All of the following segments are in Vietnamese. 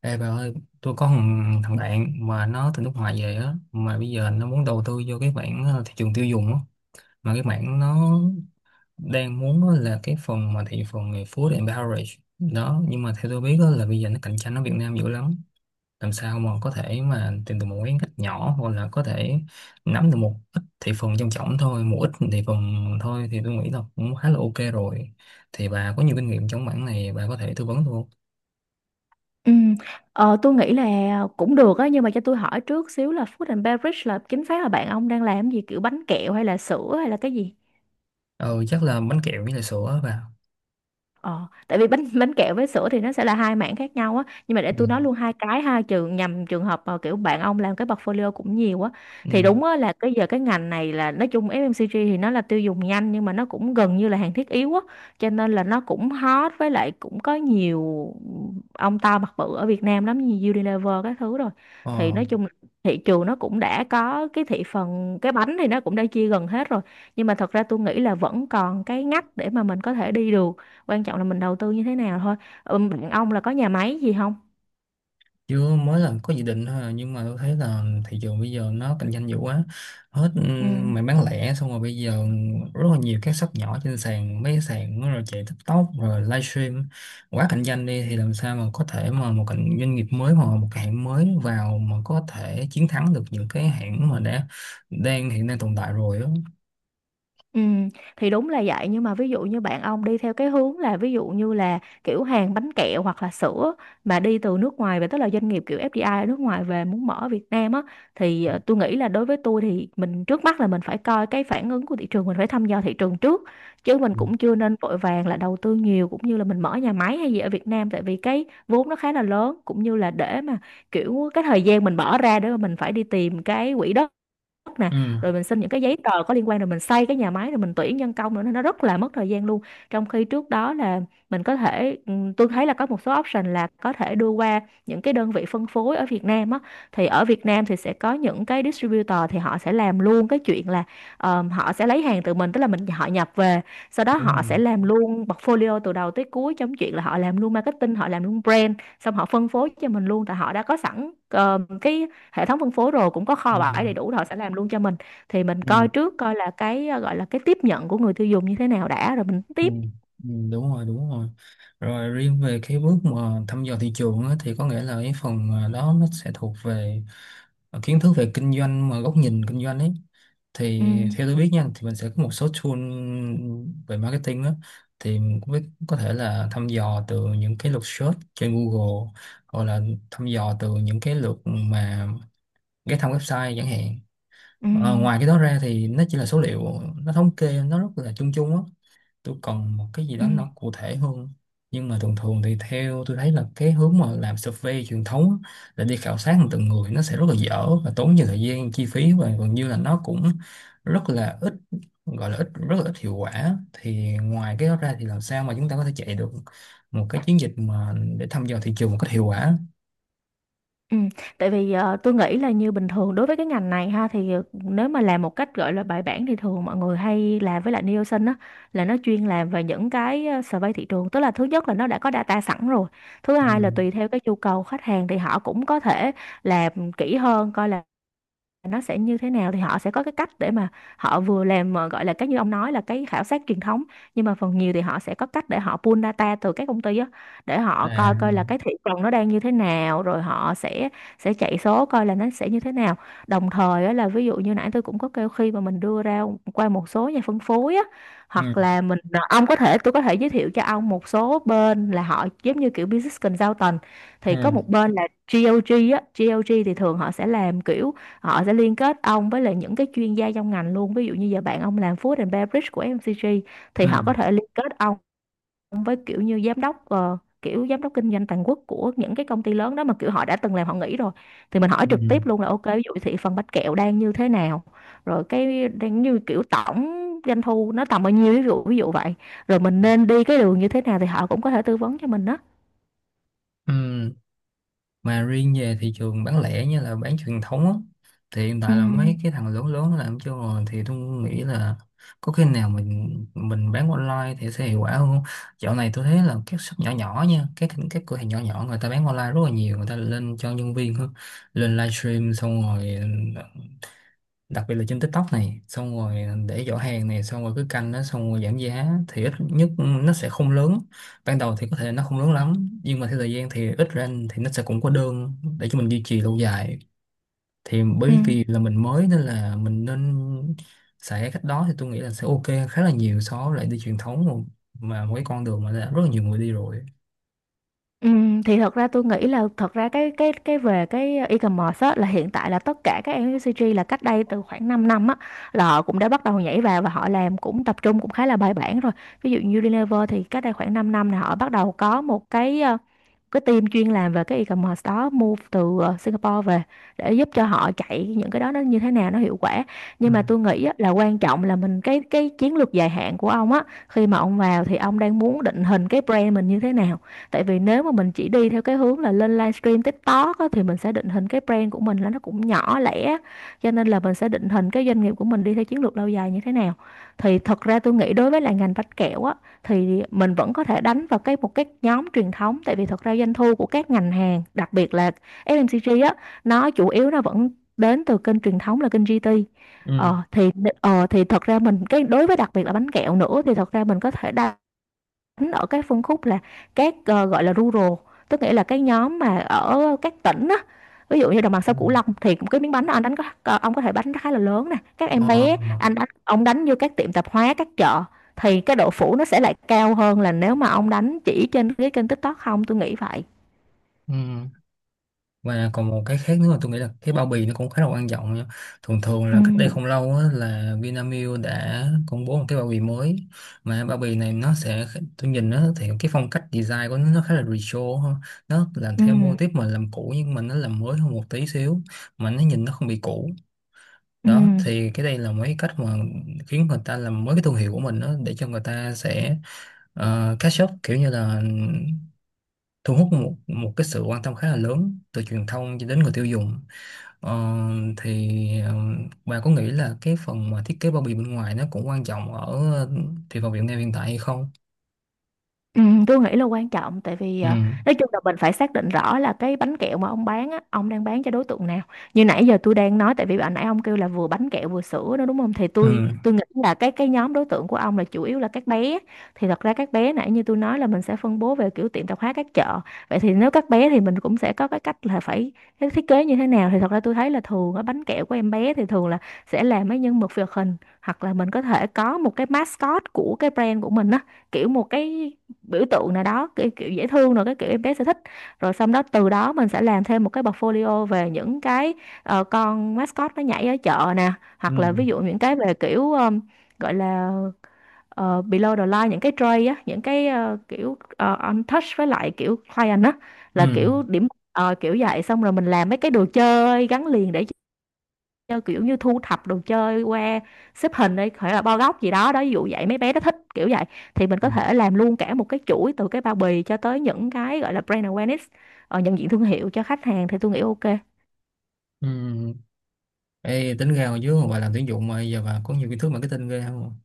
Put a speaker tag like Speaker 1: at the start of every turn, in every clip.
Speaker 1: Ê bà ơi, tôi có thằng bạn mà nó từ nước ngoài về á, mà bây giờ nó muốn đầu tư vô cái mảng thị trường tiêu dùng á, mà cái mảng nó đang muốn á là cái phần mà thị phần về food and beverage đó, nhưng mà theo tôi biết á là bây giờ nó cạnh tranh ở Việt Nam dữ lắm, làm sao mà có thể mà tìm được một cái ngách nhỏ hoặc là có thể nắm được một ít thị phần trong trọng thôi, một ít thị phần thôi thì tôi nghĩ là cũng khá là ok rồi. Thì bà có nhiều kinh nghiệm trong mảng này, bà có thể tư vấn tôi không?
Speaker 2: Ừ, tôi nghĩ là cũng được á, nhưng mà cho tôi hỏi trước xíu là Food and Beverage là chính xác là bạn ông đang làm gì, kiểu bánh kẹo hay là sữa hay là cái gì?
Speaker 1: Ờ, chắc là bánh kẹo với lại sữa á bà.
Speaker 2: Ờ, tại vì bánh bánh kẹo với sữa thì nó sẽ là hai mảng khác nhau á, nhưng mà để
Speaker 1: Ừ.
Speaker 2: tôi nói luôn hai cái ha, trường nhằm trường hợp mà kiểu bạn ông làm cái portfolio cũng nhiều á, thì
Speaker 1: Ừ.
Speaker 2: đúng á là cái giờ cái ngành này là nói chung FMCG thì nó là tiêu dùng nhanh nhưng mà nó cũng gần như là hàng thiết yếu á, cho nên là nó cũng hot với lại cũng có nhiều ông to mặt bự ở Việt Nam lắm, như Unilever các thứ rồi, thì
Speaker 1: Ờ,
Speaker 2: nói chung là thị trường nó cũng đã có cái thị phần, cái bánh thì nó cũng đã chia gần hết rồi, nhưng mà thật ra tôi nghĩ là vẫn còn cái ngách để mà mình có thể đi được, quan trọng là mình đầu tư như thế nào thôi. Ừ, bạn ông là có nhà máy gì không?
Speaker 1: chưa mới làm có dự định thôi à, nhưng mà tôi thấy là thị trường bây giờ nó cạnh tranh dữ quá hết. Ừ,
Speaker 2: Ừ.
Speaker 1: mày bán lẻ xong rồi bây giờ rất là nhiều các shop nhỏ trên sàn mấy cái sàn nó rồi chạy TikTok rồi livestream quá cạnh tranh đi thì làm sao mà có thể mà một cạnh doanh nghiệp mới hoặc một cái hãng mới vào mà có thể chiến thắng được những cái hãng mà đã đang hiện đang tồn tại rồi đó.
Speaker 2: Ừ, thì đúng là vậy, nhưng mà ví dụ như bạn ông đi theo cái hướng là ví dụ như là kiểu hàng bánh kẹo hoặc là sữa mà đi từ nước ngoài về, tức là doanh nghiệp kiểu FDI ở nước ngoài về muốn mở ở Việt Nam á, thì tôi nghĩ là đối với tôi thì mình trước mắt là mình phải coi cái phản ứng của thị trường, mình phải thăm dò thị trường trước, chứ mình
Speaker 1: Ừ.
Speaker 2: cũng chưa nên vội vàng là đầu tư nhiều cũng như là mình mở nhà máy hay gì ở Việt Nam, tại vì cái vốn nó khá là lớn, cũng như là để mà kiểu cái thời gian mình bỏ ra để mà mình phải đi tìm cái quỹ đất nè,
Speaker 1: Ừ,
Speaker 2: rồi mình xin những cái giấy tờ có liên quan, rồi mình xây cái nhà máy, rồi mình tuyển nhân công nữa, nên nó rất là mất thời gian luôn. Trong khi trước đó là mình có thể tôi thấy là có một số option là có thể đưa qua những cái đơn vị phân phối ở Việt Nam á, thì ở Việt Nam thì sẽ có những cái distributor thì họ sẽ làm luôn cái chuyện là, họ sẽ lấy hàng từ mình, tức là mình họ nhập về, sau đó
Speaker 1: đúng
Speaker 2: họ
Speaker 1: rồi.
Speaker 2: sẽ làm luôn portfolio từ đầu tới cuối, trong chuyện là họ làm luôn marketing, họ làm luôn brand, xong họ phân phối cho mình luôn, tại họ đã có sẵn cái hệ thống phân phối rồi, cũng có
Speaker 1: Ừ.
Speaker 2: kho bãi đầy đủ rồi, họ sẽ làm luôn cho mình. Thì mình
Speaker 1: Ừ.
Speaker 2: coi trước coi là cái gọi là cái tiếp nhận của người tiêu dùng như thế nào đã, rồi mình
Speaker 1: Ừ,
Speaker 2: tiếp.
Speaker 1: đúng rồi rồi Riêng về cái bước mà thăm dò thị trường á, thì có nghĩa là cái phần đó nó sẽ thuộc về kiến thức về kinh doanh mà góc nhìn kinh doanh ấy
Speaker 2: Ừ.
Speaker 1: thì theo tôi biết nha thì mình sẽ có một số tool về marketing á thì mình cũng biết có thể là thăm dò từ những cái lượt search trên Google hoặc là thăm dò từ những cái lượt mà ghé thăm website chẳng hạn.
Speaker 2: Ừ.
Speaker 1: Ờ, ngoài cái đó ra thì nó chỉ là số liệu nó thống kê nó rất là chung chung á, tôi cần một cái gì
Speaker 2: Ừ.
Speaker 1: đó nó cụ thể hơn. Nhưng mà thường thường thì theo tôi thấy là cái hướng mà làm survey truyền thống á, là đi khảo sát từng người nó sẽ rất là dở và tốn nhiều thời gian chi phí và gần như là nó cũng rất là ít, gọi là ít rất là ít hiệu quả, thì ngoài cái đó ra thì làm sao mà chúng ta có thể chạy được một cái chiến dịch mà để thăm dò thị trường một cách hiệu quả.
Speaker 2: Ừ. Tại vì tôi nghĩ là như bình thường đối với cái ngành này ha, thì nếu mà làm một cách gọi là bài bản thì thường mọi người hay làm với lại Nielsen á, là nó chuyên làm về những cái survey thị trường, tức là thứ nhất là nó đã có data sẵn rồi, thứ
Speaker 1: Ừ.
Speaker 2: hai là tùy theo cái nhu cầu khách hàng thì họ cũng có thể làm kỹ hơn coi là nó sẽ như thế nào. Thì họ sẽ có cái cách để mà họ vừa làm mà gọi là cái như ông nói là cái khảo sát truyền thống, nhưng mà phần nhiều thì họ sẽ có cách để họ pull data từ các công ty á, để họ
Speaker 1: À,
Speaker 2: coi coi là cái thị trường nó đang như thế nào, rồi họ sẽ chạy số coi là nó sẽ như thế nào. Đồng thời á, là ví dụ như nãy tôi cũng có kêu, khi mà mình đưa ra qua một số nhà phân phối á,
Speaker 1: ừ,
Speaker 2: hoặc là mình ờ, ông có thể tôi có thể giới thiệu cho ông một số bên là họ giống như kiểu business consultant, thì có
Speaker 1: ừ,
Speaker 2: một bên là GOG á, GOG thì thường họ sẽ làm kiểu họ sẽ liên kết ông với lại những cái chuyên gia trong ngành luôn. Ví dụ như giờ bạn ông làm food and beverage của FMCG thì
Speaker 1: ừ,
Speaker 2: họ có thể liên kết ông với kiểu như giám đốc kiểu giám đốc kinh doanh toàn quốc của những cái công ty lớn đó, mà kiểu họ đã từng làm họ nghỉ rồi, thì mình hỏi
Speaker 1: ừ,
Speaker 2: trực tiếp luôn là ok, ví dụ thị phần bánh kẹo đang như thế nào, rồi cái đang như kiểu tổng doanh thu nó tầm bao nhiêu, ví dụ vậy, rồi mình nên đi cái đường như thế nào, thì họ cũng có thể tư vấn cho mình đó.
Speaker 1: ừ. Mà riêng về thị trường bán lẻ như là bán truyền thống á, thì hiện
Speaker 2: Ừ.
Speaker 1: tại là mấy cái thằng lớn lớn nó làm chưa rồi thì tôi nghĩ là có khi nào mình bán online thì sẽ hiệu quả hơn không? Dạo này tôi thấy là các shop nhỏ nhỏ nha, các cửa hàng nhỏ nhỏ người ta bán online rất là nhiều, người ta lên cho nhân viên hơn, lên livestream xong rồi đặc biệt là trên TikTok này xong rồi để giỏ hàng này xong rồi cứ canh nó xong rồi giảm giá thì ít nhất nó sẽ không lớn, ban đầu thì có thể nó không lớn lắm nhưng mà theo thời gian thì ít ra thì nó sẽ cũng có đơn để cho mình duy trì lâu dài, thì
Speaker 2: Ừ.
Speaker 1: bởi vì là mình mới nên là mình nên xài cái cách đó thì tôi nghĩ là sẽ ok khá là nhiều so với lại đi truyền thống, mà một cái con đường mà đã rất là nhiều người đi rồi.
Speaker 2: Thì thật ra tôi nghĩ là thật ra cái về cái e-commerce á, là hiện tại là tất cả các FMCG là cách đây từ khoảng 5 năm á, là họ cũng đã bắt đầu nhảy vào và họ làm cũng tập trung cũng khá là bài bản rồi. Ví dụ như Unilever thì cách đây khoảng 5 năm là họ bắt đầu có một cái cái team chuyên làm về cái e-commerce đó, move từ Singapore về để giúp cho họ chạy những cái đó nó như thế nào nó hiệu quả.
Speaker 1: Ừ.
Speaker 2: Nhưng mà tôi nghĩ á, là quan trọng là mình cái chiến lược dài hạn của ông á, khi mà ông vào thì ông đang muốn định hình cái brand mình như thế nào. Tại vì nếu mà mình chỉ đi theo cái hướng là lên livestream TikTok á, thì mình sẽ định hình cái brand của mình là nó cũng nhỏ lẻ, cho nên là mình sẽ định hình cái doanh nghiệp của mình đi theo chiến lược lâu dài như thế nào. Thì thật ra tôi nghĩ đối với lại ngành bánh kẹo á, thì mình vẫn có thể đánh vào cái một cái nhóm truyền thống, tại vì thật ra doanh thu của các ngành hàng, đặc biệt là FMCG á, nó chủ yếu nó vẫn đến từ kênh truyền thống, là kênh GT.
Speaker 1: Ừ.
Speaker 2: Ờ thì ờ thì thật ra mình cái đối với đặc biệt là bánh kẹo nữa thì thật ra mình có thể đánh ở cái phân khúc là các, gọi là rural, tức nghĩa là cái nhóm mà ở các tỉnh á. Ví dụ như đồng bằng
Speaker 1: Ừ.
Speaker 2: sông Cửu Long thì cái miếng bánh đó anh đánh có, ông có thể đánh khá là lớn nè, các em
Speaker 1: Ờ,
Speaker 2: bé anh đánh, ông đánh vô các tiệm tạp hóa, các chợ, thì cái độ phủ nó sẽ lại cao hơn là nếu mà ông đánh chỉ trên cái kênh TikTok không, tôi nghĩ vậy.
Speaker 1: ừ. Và còn một cái khác nữa mà tôi nghĩ là cái bao bì nó cũng khá là quan trọng nha. Thường thường là cách đây
Speaker 2: Ừm,
Speaker 1: không lâu á, là Vinamilk đã công bố một cái bao bì mới mà bao bì này nó sẽ, tôi nhìn nó thì cái phong cách design của nó khá là retro ha. Nó làm theo mô
Speaker 2: ừm,
Speaker 1: típ mà làm cũ nhưng mà nó làm mới hơn một tí xíu mà nó nhìn nó không bị cũ đó,
Speaker 2: ừm.
Speaker 1: thì cái đây là mấy cách mà khiến người ta làm mới cái thương hiệu của mình đó, để cho người ta sẽ catch up kiểu như là thu hút một một cái sự quan tâm khá là lớn từ truyền thông cho đến người tiêu dùng. Ờ, thì ờ, bà có nghĩ là cái phần mà thiết kế bao bì bên ngoài nó cũng quan trọng ở ờ, thị phần Việt Nam hiện tại hay không?
Speaker 2: Ừ, tôi nghĩ là quan trọng, tại vì
Speaker 1: Ừ,
Speaker 2: nói chung là mình phải xác định rõ là cái bánh kẹo mà ông bán á, ông đang bán cho đối tượng nào. Như nãy giờ tôi đang nói, tại vì bạn nãy ông kêu là vừa bánh kẹo vừa sữa đó, đúng không? Thì tôi
Speaker 1: ừ,
Speaker 2: tôi nghĩ là cái nhóm đối tượng của ông là chủ yếu là các bé. Thì thật ra các bé, nãy như tôi nói, là mình sẽ phân bố về kiểu tiệm tạp hóa, các chợ. Vậy thì nếu các bé thì mình cũng sẽ có cái cách là phải cái thiết kế như thế nào. Thì thật ra tôi thấy là thường ở bánh kẹo của em bé thì thường là sẽ làm mấy nhân vật hoạt hình, hoặc là mình có thể có một cái mascot của cái brand của mình á, kiểu một cái biểu tượng nào đó, cái kiểu dễ thương, rồi cái kiểu em bé sẽ thích. Rồi xong đó từ đó mình sẽ làm thêm một cái portfolio về những cái con mascot nó nhảy ở chợ nè, hoặc là
Speaker 1: ừ,
Speaker 2: ví dụ những cái về kiểu gọi là below the line, những cái tray á, những cái on touch với lại kiểu client á, là
Speaker 1: ừ,
Speaker 2: kiểu điểm, kiểu vậy. Xong rồi mình làm mấy cái đồ chơi gắn liền để chơi, kiểu như thu thập đồ chơi qua xếp hình đi, phải là bo góc gì đó đó, ví dụ vậy, mấy bé nó thích kiểu vậy. Thì mình
Speaker 1: ừ.
Speaker 2: có thể làm luôn cả một cái chuỗi từ cái bao bì cho tới những cái gọi là brand awareness, nhận diện thương hiệu cho khách hàng, thì tôi nghĩ ok.
Speaker 1: Ừ. Ê, tính ra hồi trước mà bà làm tuyển dụng mà giờ bà có nhiều kiến thức marketing ghê không?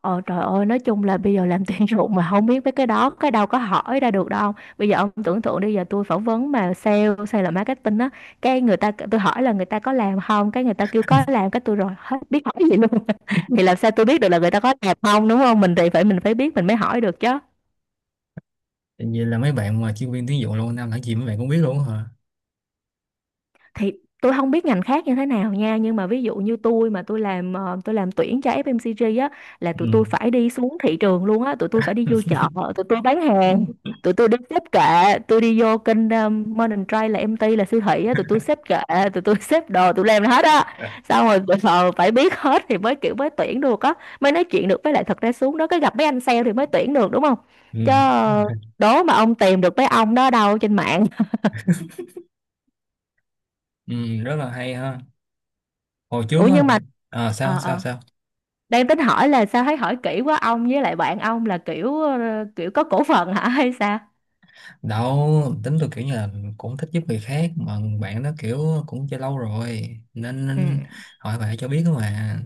Speaker 2: Ờ trời ơi, nói chung là bây giờ làm tuyển dụng mà không biết mấy cái đó cái đâu có hỏi ra được, đâu bây giờ ông tưởng tượng đi, giờ tôi phỏng vấn mà sale sale là marketing á, cái người ta, tôi hỏi là người ta có làm không, cái người ta kêu có làm, cái tôi rồi hết biết hỏi gì luôn thì làm sao tôi biết được là người ta có làm không, đúng không, mình thì phải mình phải biết mình mới hỏi được chứ.
Speaker 1: Vậy là mấy bạn mà chuyên viên tuyển dụng lâu năm làm gì mấy bạn cũng biết luôn hả?
Speaker 2: Thì tôi không biết ngành khác như thế nào nha, nhưng mà ví dụ như tôi, mà tôi làm tôi làm tuyển cho FMCG á, là
Speaker 1: Ừ.
Speaker 2: tụi tôi phải đi xuống thị trường luôn á, tụi tôi phải đi vô chợ, tụi tôi bán hàng, tụi tôi đi xếp kệ, tôi đi vô kênh Modern Trade là em MT là siêu thị á, tụi tôi xếp kệ, tụi tôi xếp đồ, tụi làm hết á. Xong rồi phải biết hết thì mới kiểu mới tuyển được á, mới nói chuyện được, với lại thật ra xuống đó cái gặp mấy anh sale thì mới tuyển được, đúng không,
Speaker 1: Ừ.
Speaker 2: chứ
Speaker 1: Đúng rồi.
Speaker 2: đố mà ông tìm được mấy ông đó đâu trên mạng.
Speaker 1: Ừ, rất là hay ha. Hồi trước
Speaker 2: Ủa
Speaker 1: á,
Speaker 2: nhưng mà
Speaker 1: à, sao
Speaker 2: ờ
Speaker 1: sao
Speaker 2: ờ
Speaker 1: sao?
Speaker 2: đang tính hỏi là sao thấy hỏi kỹ quá, ông với lại bạn ông là kiểu kiểu có cổ phần hả hay sao?
Speaker 1: Đâu tính tôi kiểu như là cũng thích giúp người khác mà bạn nó kiểu cũng chơi lâu rồi nên
Speaker 2: Ừ.
Speaker 1: hỏi bạn cho biết đó mà,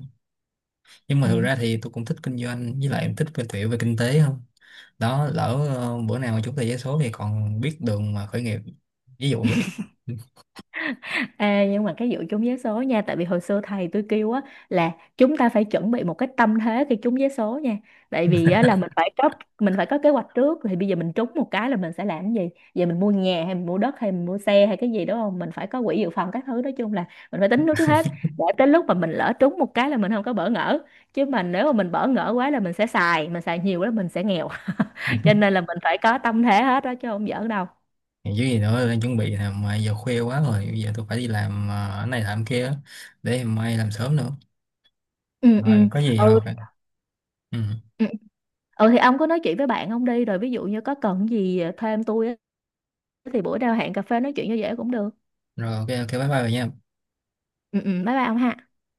Speaker 1: nhưng mà thực
Speaker 2: Ừ.
Speaker 1: ra thì tôi cũng thích kinh doanh với lại em thích cái tiểu về kinh tế không đó. Lỡ bữa nào mà chúng ta giấy số thì còn biết đường mà khởi nghiệp, ví dụ vậy.
Speaker 2: Ê, nhưng mà cái vụ trúng vé số nha, tại vì hồi xưa thầy tôi kêu á, là chúng ta phải chuẩn bị một cái tâm thế khi trúng vé số nha. Tại vì á, là mình phải có kế hoạch trước, thì bây giờ mình trúng một cái là mình sẽ làm cái gì, giờ mình mua nhà hay mình mua đất hay mình mua xe hay cái gì, đúng không, mình phải có quỹ dự phòng các thứ, nói chung là mình phải tính trước trước hết, để tới lúc mà mình lỡ trúng một cái là mình không có bỡ ngỡ. Chứ mà nếu mà mình bỡ ngỡ quá là mình sẽ xài nhiều quá là mình sẽ nghèo, cho nên là mình phải có tâm thế hết đó, chứ không giỡn đâu.
Speaker 1: Còn chứ gì nữa đang chuẩn bị nè mà giờ khuya quá rồi, bây giờ tôi phải đi làm cái này làm kia để mai làm sớm nữa,
Speaker 2: Ừ. Ừ.
Speaker 1: rồi có gì
Speaker 2: Ừ.
Speaker 1: rồi ừ.
Speaker 2: Ừ. Ừ, thì ông cứ nói chuyện với bạn ông đi, rồi ví dụ như có cần gì thêm tôi á, thì bữa nào hẹn cà phê nói chuyện cho dễ cũng được.
Speaker 1: Rồi ok ok bye bye rồi nha.
Speaker 2: Ừ, ừ, bye bye ông ha.